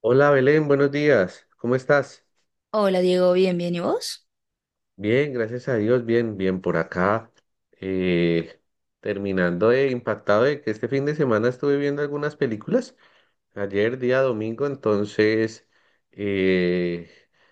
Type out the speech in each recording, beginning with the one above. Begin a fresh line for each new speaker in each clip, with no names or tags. Hola Belén, buenos días. ¿Cómo estás?
Hola Diego, bien, bien, ¿y vos?
Bien, gracias a Dios, bien, bien por acá. Eh, Terminando de impactado de que este fin de semana estuve viendo algunas películas. Ayer, día domingo, entonces eh,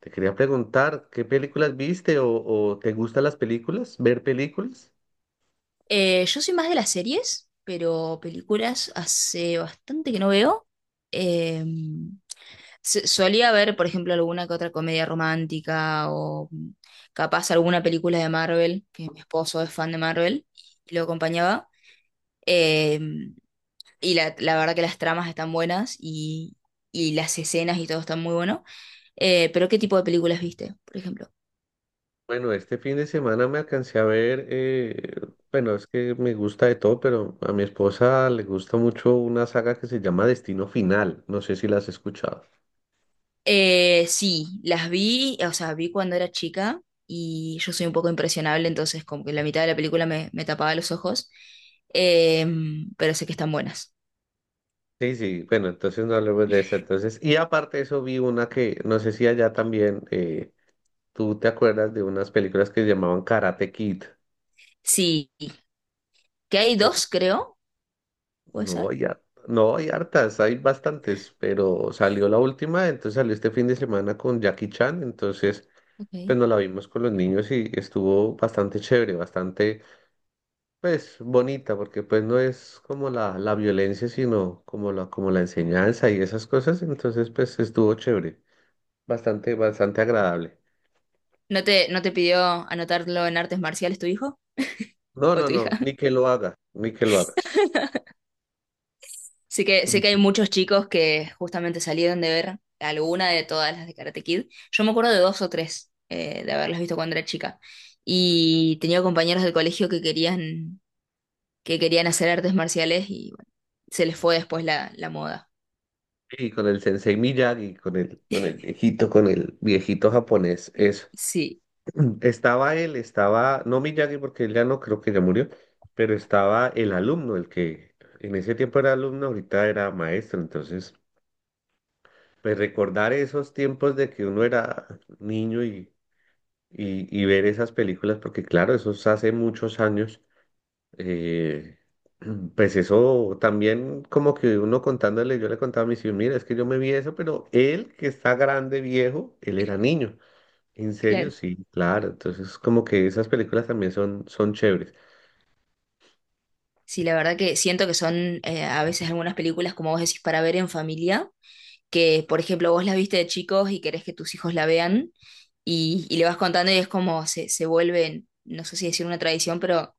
te quería preguntar, ¿qué películas viste o te gustan las películas? ¿Ver películas?
Yo soy más de las series, pero películas hace bastante que no veo. Eh, Solía ver, por ejemplo, alguna que otra comedia romántica o capaz alguna película de Marvel, que mi esposo es fan de Marvel y lo acompañaba. Eh, y la verdad que las tramas están buenas y las escenas y todo está muy bueno. Pero ¿qué tipo de películas viste, por ejemplo?
Bueno, este fin de semana me alcancé a ver, bueno, es que me gusta de todo, pero a mi esposa le gusta mucho una saga que se llama Destino Final, no sé si la has escuchado.
Sí, las vi, o sea, vi cuando era chica y yo soy un poco impresionable, entonces como que la mitad de la película me tapaba los ojos. Em, pero sé que están buenas.
Sí, sí, bueno, entonces no hablemos de esa. Entonces, y aparte de eso vi una que, no sé si allá también, tú te acuerdas de unas películas que se llamaban Karate Kid.
Sí, que hay
Sí.
dos, creo, puede
No
ser.
hay, har- no hay hartas, hay bastantes, pero salió la última, entonces salió este fin de semana con Jackie Chan, entonces
Ok.
pues nos la vimos con los niños y estuvo bastante chévere, bastante, pues, bonita, porque pues no es como la violencia, sino como la enseñanza y esas cosas, entonces pues estuvo chévere, bastante, bastante agradable.
¿No te, no te pidió anotarlo en artes marciales tu hijo
No,
o
no,
tu hija?
no, ni que lo haga, ni que lo haga.
Sé
Ni
que hay
que-
muchos chicos que justamente salieron de ver alguna de todas las de Karate Kid. Yo me acuerdo de dos o tres de haberlas visto cuando era chica. Y tenía compañeros del colegio que querían hacer artes marciales y bueno, se les fue después la moda.
Y con el sensei Miyagi, con el viejito japonés, eso.
Sí,
Estaba él, estaba, no Miyagi porque él ya no creo que ya murió, pero estaba el alumno, el que en ese tiempo era alumno, ahorita era maestro, entonces, pues recordar esos tiempos de que uno era niño y ver esas películas, porque claro, eso es hace muchos años, eh, pues eso también como que uno contándole, yo le contaba a mis hijos, mira, es que yo me vi eso, pero él que está grande, viejo, él era niño. En serio,
claro.
sí, claro. Entonces, como que esas películas también son, son chéveres.
Sí, la verdad que siento que son a veces algunas películas, como vos decís, para ver en familia, que por ejemplo vos las viste de chicos y querés que tus hijos la vean y le vas contando y es como se vuelve, no sé si decir una tradición, pero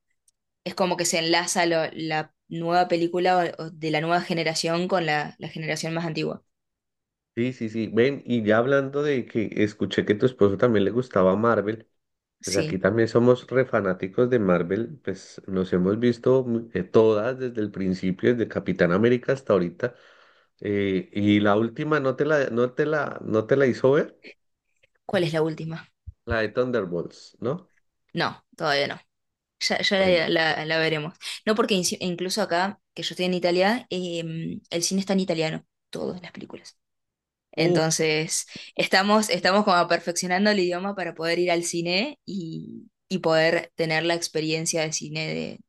es como que se enlaza la nueva película o de la nueva generación con la generación más antigua.
Sí, sí, sí. Ven, y ya hablando de que escuché que tu esposo también le gustaba Marvel, pues aquí
Sí.
también somos re fanáticos de Marvel, pues nos hemos visto todas desde el principio, desde Capitán América hasta ahorita. Y la última no te la hizo ver,
¿Cuál es la última?
la de Thunderbolts, ¿no?
No, todavía no. Ya
Bueno.
la veremos. No porque incluso acá, que yo estoy en Italia, el cine está en italiano, todas las películas.
Uy,
Entonces, estamos como perfeccionando el idioma para poder ir al cine y poder tener la experiencia de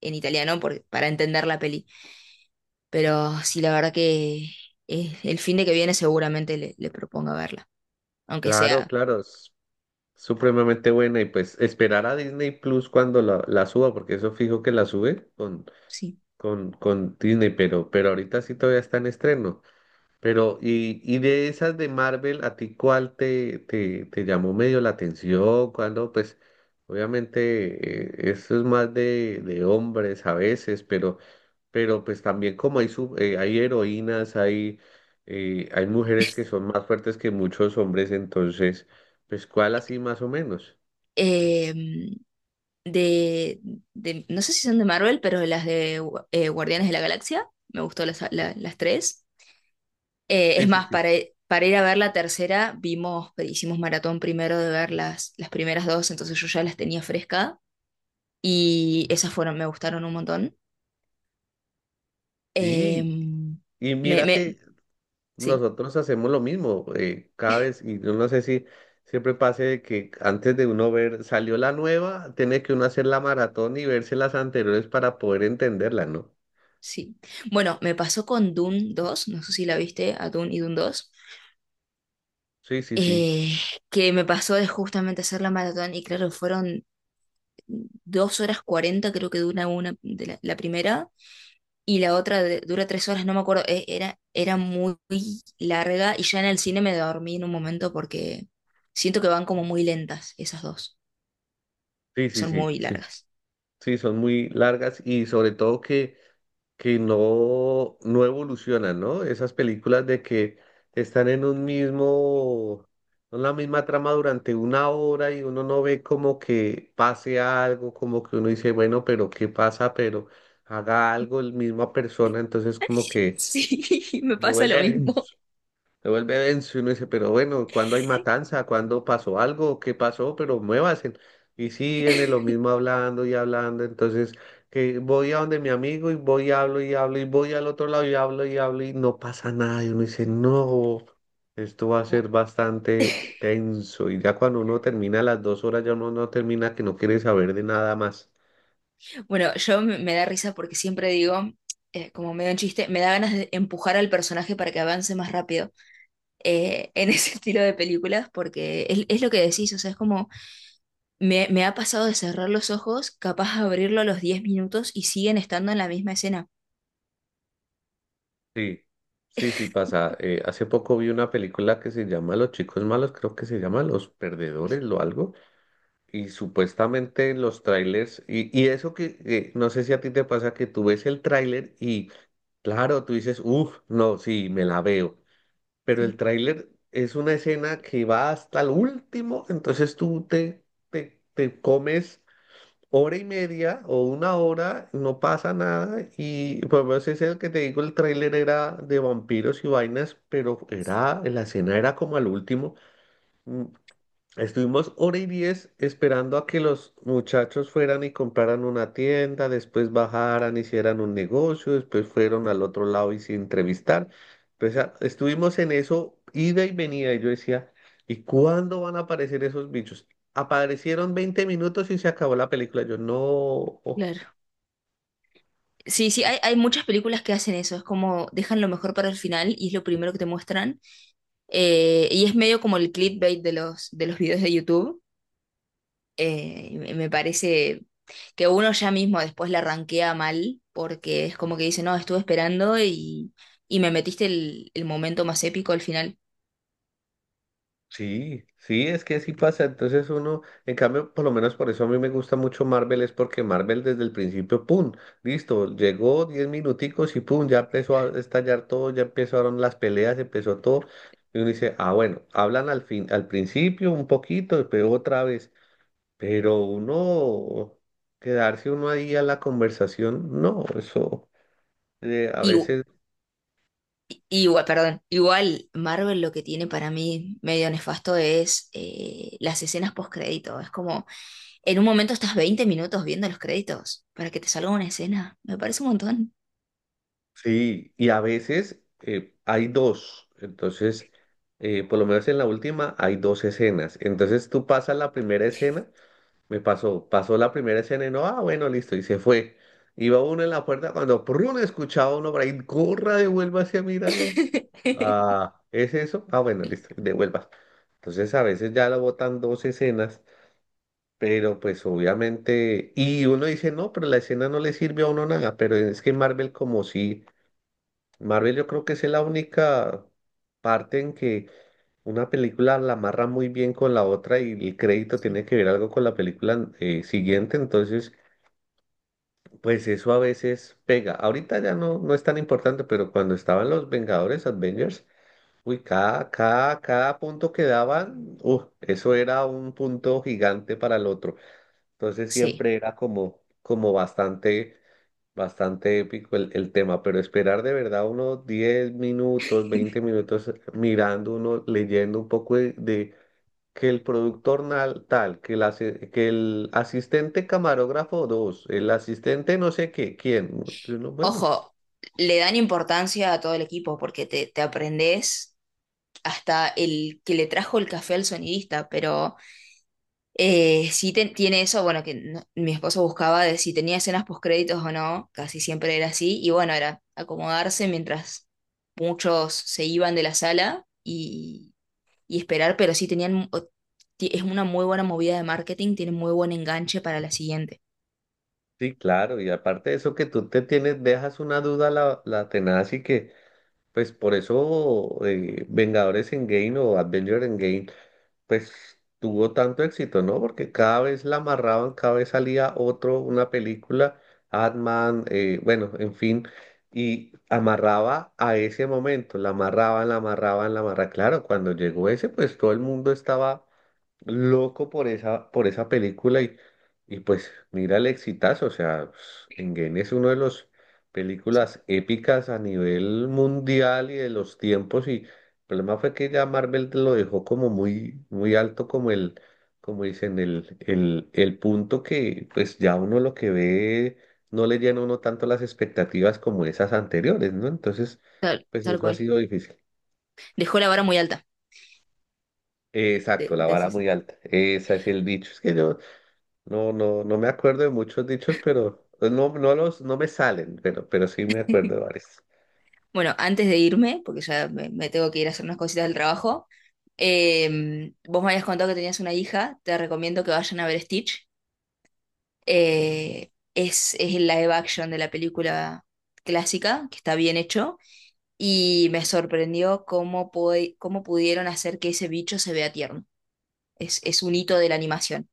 en italiano para entender la peli. Pero sí, la verdad que el fin de que viene seguramente le proponga verla, aunque
claro,
sea,
claro. Supremamente buena y pues esperar a Disney Plus cuando la suba, porque eso fijo que la sube
sí.
con Disney, pero ahorita sí todavía está en estreno. Pero, y de esas de Marvel, ¿a ti cuál te llamó medio la atención? Cuando, pues, obviamente, eso es más de hombres a veces, pero pues también como hay, hay heroínas, hay, hay mujeres que son más fuertes que muchos hombres, entonces, pues, ¿cuál así más o menos?
Em, de, no sé si son de Marvel, pero las de Guardianes de la Galaxia, me gustó las tres.
Sí,
Es
sí,
más,
sí.
para ir a ver la tercera, vimos, hicimos maratón primero de ver las primeras dos, entonces yo ya las tenía fresca y esas fueron, me gustaron un montón.
Sí,
Em,
y
me,
mira que
me, sí,
nosotros hacemos lo mismo, cada vez, y yo no sé si siempre pase de que antes de uno ver, salió la nueva, tiene que uno hacer la maratón y verse las anteriores para poder entenderla, ¿no?
sí. Bueno, me pasó con Dune dos, no sé si la viste, a Dune y Dune dos,
Sí, sí, sí,
eh, que me pasó de justamente hacer la maratón y claro, fueron dos horas cuarenta creo que dura una de la primera y la otra dura tres horas, no me acuerdo, era muy larga y ya en el cine me dormí en un momento porque siento que van como muy lentas esas dos,
sí, sí,
son
sí,
muy
sí,
largas.
sí, son muy largas y sobre todo que no, no evolucionan, ¿no? Esas películas de que están en un mismo, en la misma trama durante una hora y uno no ve como que pase algo, como que uno dice, bueno, pero ¿qué pasa? Pero haga algo la misma persona, entonces como que
Sí, me
se
pasa lo
vuelve
mismo.
se vuelve denso y uno dice, pero bueno, ¿cuándo hay matanza? ¿Cuándo pasó algo? ¿Qué pasó? Pero muévase. Y siguen en lo mismo hablando y hablando. Entonces, que voy a donde mi amigo y voy y hablo y hablo y voy al otro lado y hablo y hablo y no pasa nada. Y uno dice, no, esto va a ser bastante tenso. Y ya cuando uno termina las 2 horas, ya uno no termina que no quiere saber de nada más.
Bueno, yo me da risa porque siempre digo, como medio en chiste, me da ganas de empujar al personaje para que avance más rápido en ese estilo de películas, porque es lo que decís, o sea, es como me ha pasado de cerrar los ojos, capaz de abrirlo a los 10 minutos y siguen estando en la misma escena.
Sí, sí, sí pasa. Hace poco vi una película que se llama Los chicos malos, creo que se llama Los perdedores o algo. Y supuestamente en los trailers, y eso que no sé si a ti te pasa que tú ves el tráiler y claro, tú dices, uff, no, sí, me la veo. Pero el
Sí,
tráiler es una escena que va hasta el último, entonces te comes hora y media o una hora, no pasa nada. Y pues lo menos ese es el que te digo, el tráiler era de vampiros y vainas, pero era, la escena era como al último. mm, Estuvimos hora y diez esperando a que los muchachos fueran y compraran una tienda, después bajaran, hicieran un negocio, después fueron al otro lado y se entrevistar. Pues, ah, estuvimos en eso, ida y venida, y yo decía, ¿y cuándo van a aparecer esos bichos? Aparecieron 20 minutos y se acabó la película. Yo, no.
claro. Sí, sí, hay muchas películas que hacen eso, es como dejan lo mejor para el final y es lo primero que te muestran. Y es medio como el clickbait de de los videos de YouTube. Y me parece que uno ya mismo después la ranquea mal porque es como que dice, no, estuve esperando y me metiste el momento más épico al final.
Sí, sí, es que sí pasa. Entonces uno, en cambio, por lo menos por eso a mí me gusta mucho Marvel, es porque Marvel desde el principio, ¡pum! Listo, llegó 10 minuticos y ¡pum! Ya empezó a estallar todo, ya empezaron las peleas, empezó todo. Y uno dice, ah, bueno, hablan al fin, al principio un poquito, pero otra vez. Pero uno, quedarse uno ahí a la conversación, no, eso a
Y u-
veces.
Igual, perdón, igual Marvel lo que tiene para mí medio nefasto es las escenas post-crédito. Es como, en un momento estás 20 minutos viendo los créditos para que te salga una escena. Me parece un montón.
Sí, y a veces hay dos, entonces, por lo menos en la última hay dos escenas, entonces tú pasas la primera escena, me pasó, pasó la primera escena y no, ah, bueno, listo, y se fue. Iba uno en la puerta cuando prrrun, escuchaba uno por ahí, corra, devuélvase a mirarla. Ah, ¿es eso? Ah, bueno, listo, devuelvas. Entonces a veces ya la botan dos escenas, pero pues obviamente, y uno dice, no, pero la escena no le sirve a uno nada, pero es que Marvel como si Marvel yo creo que es la única parte en que una película la amarra muy bien con la otra y el crédito
Sí.
tiene que ver algo con la película siguiente, entonces pues eso a veces pega. Ahorita ya no, no es tan importante, pero cuando estaban los Vengadores, Avengers, uy, cada, cada, cada punto que daban, eso era un punto gigante para el otro. Entonces
Sí.
siempre era como, como bastante bastante épico el tema, pero esperar de verdad unos 10 minutos, 20 minutos mirando uno, leyendo un poco de que el productor nal- tal, que el, asi- que el asistente camarógrafo dos, el asistente no sé qué, quién. Y uno, bueno, pues
Ojo, le dan importancia a todo el equipo porque te aprendes hasta el que le trajo el café al sonidista, pero sí tiene eso, bueno, que no- mi esposo buscaba de si tenía escenas postcréditos o no, casi siempre era así, y bueno, era acomodarse mientras muchos se iban de la sala y esperar, pero sí tenían, es una muy buena movida de marketing, tiene muy buen enganche para la siguiente.
sí, claro, y aparte de eso que tú te tienes, dejas una duda la tenaz y que, pues por eso Vengadores Endgame o Avengers Endgame pues tuvo tanto éxito, ¿no? Porque cada vez la amarraban, cada vez salía otro, una película, Ant-Man, bueno, en fin, y amarraba a ese momento, la amarraban, la amarraban, la amarraban. Claro, cuando llegó ese, pues todo el mundo estaba loco por esa película y pues mira el exitazo, o sea, Engen es uno de los
Sí,
películas épicas a nivel mundial y de los tiempos y el problema fue que ya Marvel te lo dejó como muy, muy alto como el, como dicen, el punto que pues ya uno lo que ve no le llena a uno tanto las expectativas como esas anteriores, ¿no? Entonces, pues
tal
eso ha
cual.
sido difícil.
Dejó la vara muy alta,
Exacto, la vara
decís.
muy alta. Ese es el dicho. Es que yo, no, no, no me acuerdo de muchos dichos, pero no, no los, no me salen, pero sí me acuerdo de varios.
Bueno, antes de irme, porque ya me tengo que ir a hacer unas cositas del trabajo, vos me habías contado que tenías una hija, te recomiendo que vayan a ver Stitch. Es el live action de la película clásica, que está bien hecho, y me sorprendió cómo, cómo pudieron hacer que ese bicho se vea tierno. Es un hito de la animación.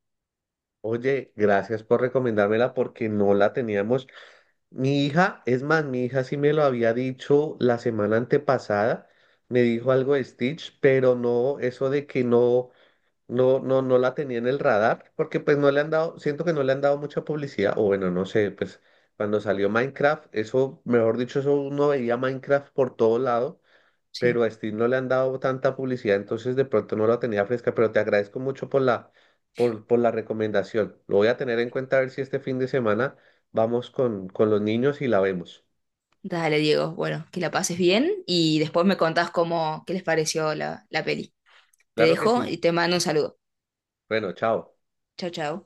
Oye, gracias por recomendármela porque no la teníamos. Mi hija, es más, mi hija sí me lo había dicho la semana antepasada, me dijo algo de Stitch, pero no, eso de que no, no, no, no la tenía en el radar, porque pues no le han dado, siento que no le han dado mucha publicidad, o bueno, no sé, pues cuando salió Minecraft, eso, mejor dicho, eso uno veía Minecraft por todo lado
Sí.
pero a Steve no le han dado tanta publicidad, entonces de pronto no la tenía fresca, pero te agradezco mucho por por la recomendación. Lo voy a tener en cuenta a ver si este fin de semana vamos con los niños y la vemos.
Dale, Diego. Bueno, que la pases bien y después me contás cómo, qué les pareció la peli. Te
Claro que
dejo
sí.
y te mando un saludo.
Bueno, chao.
Chao, chao.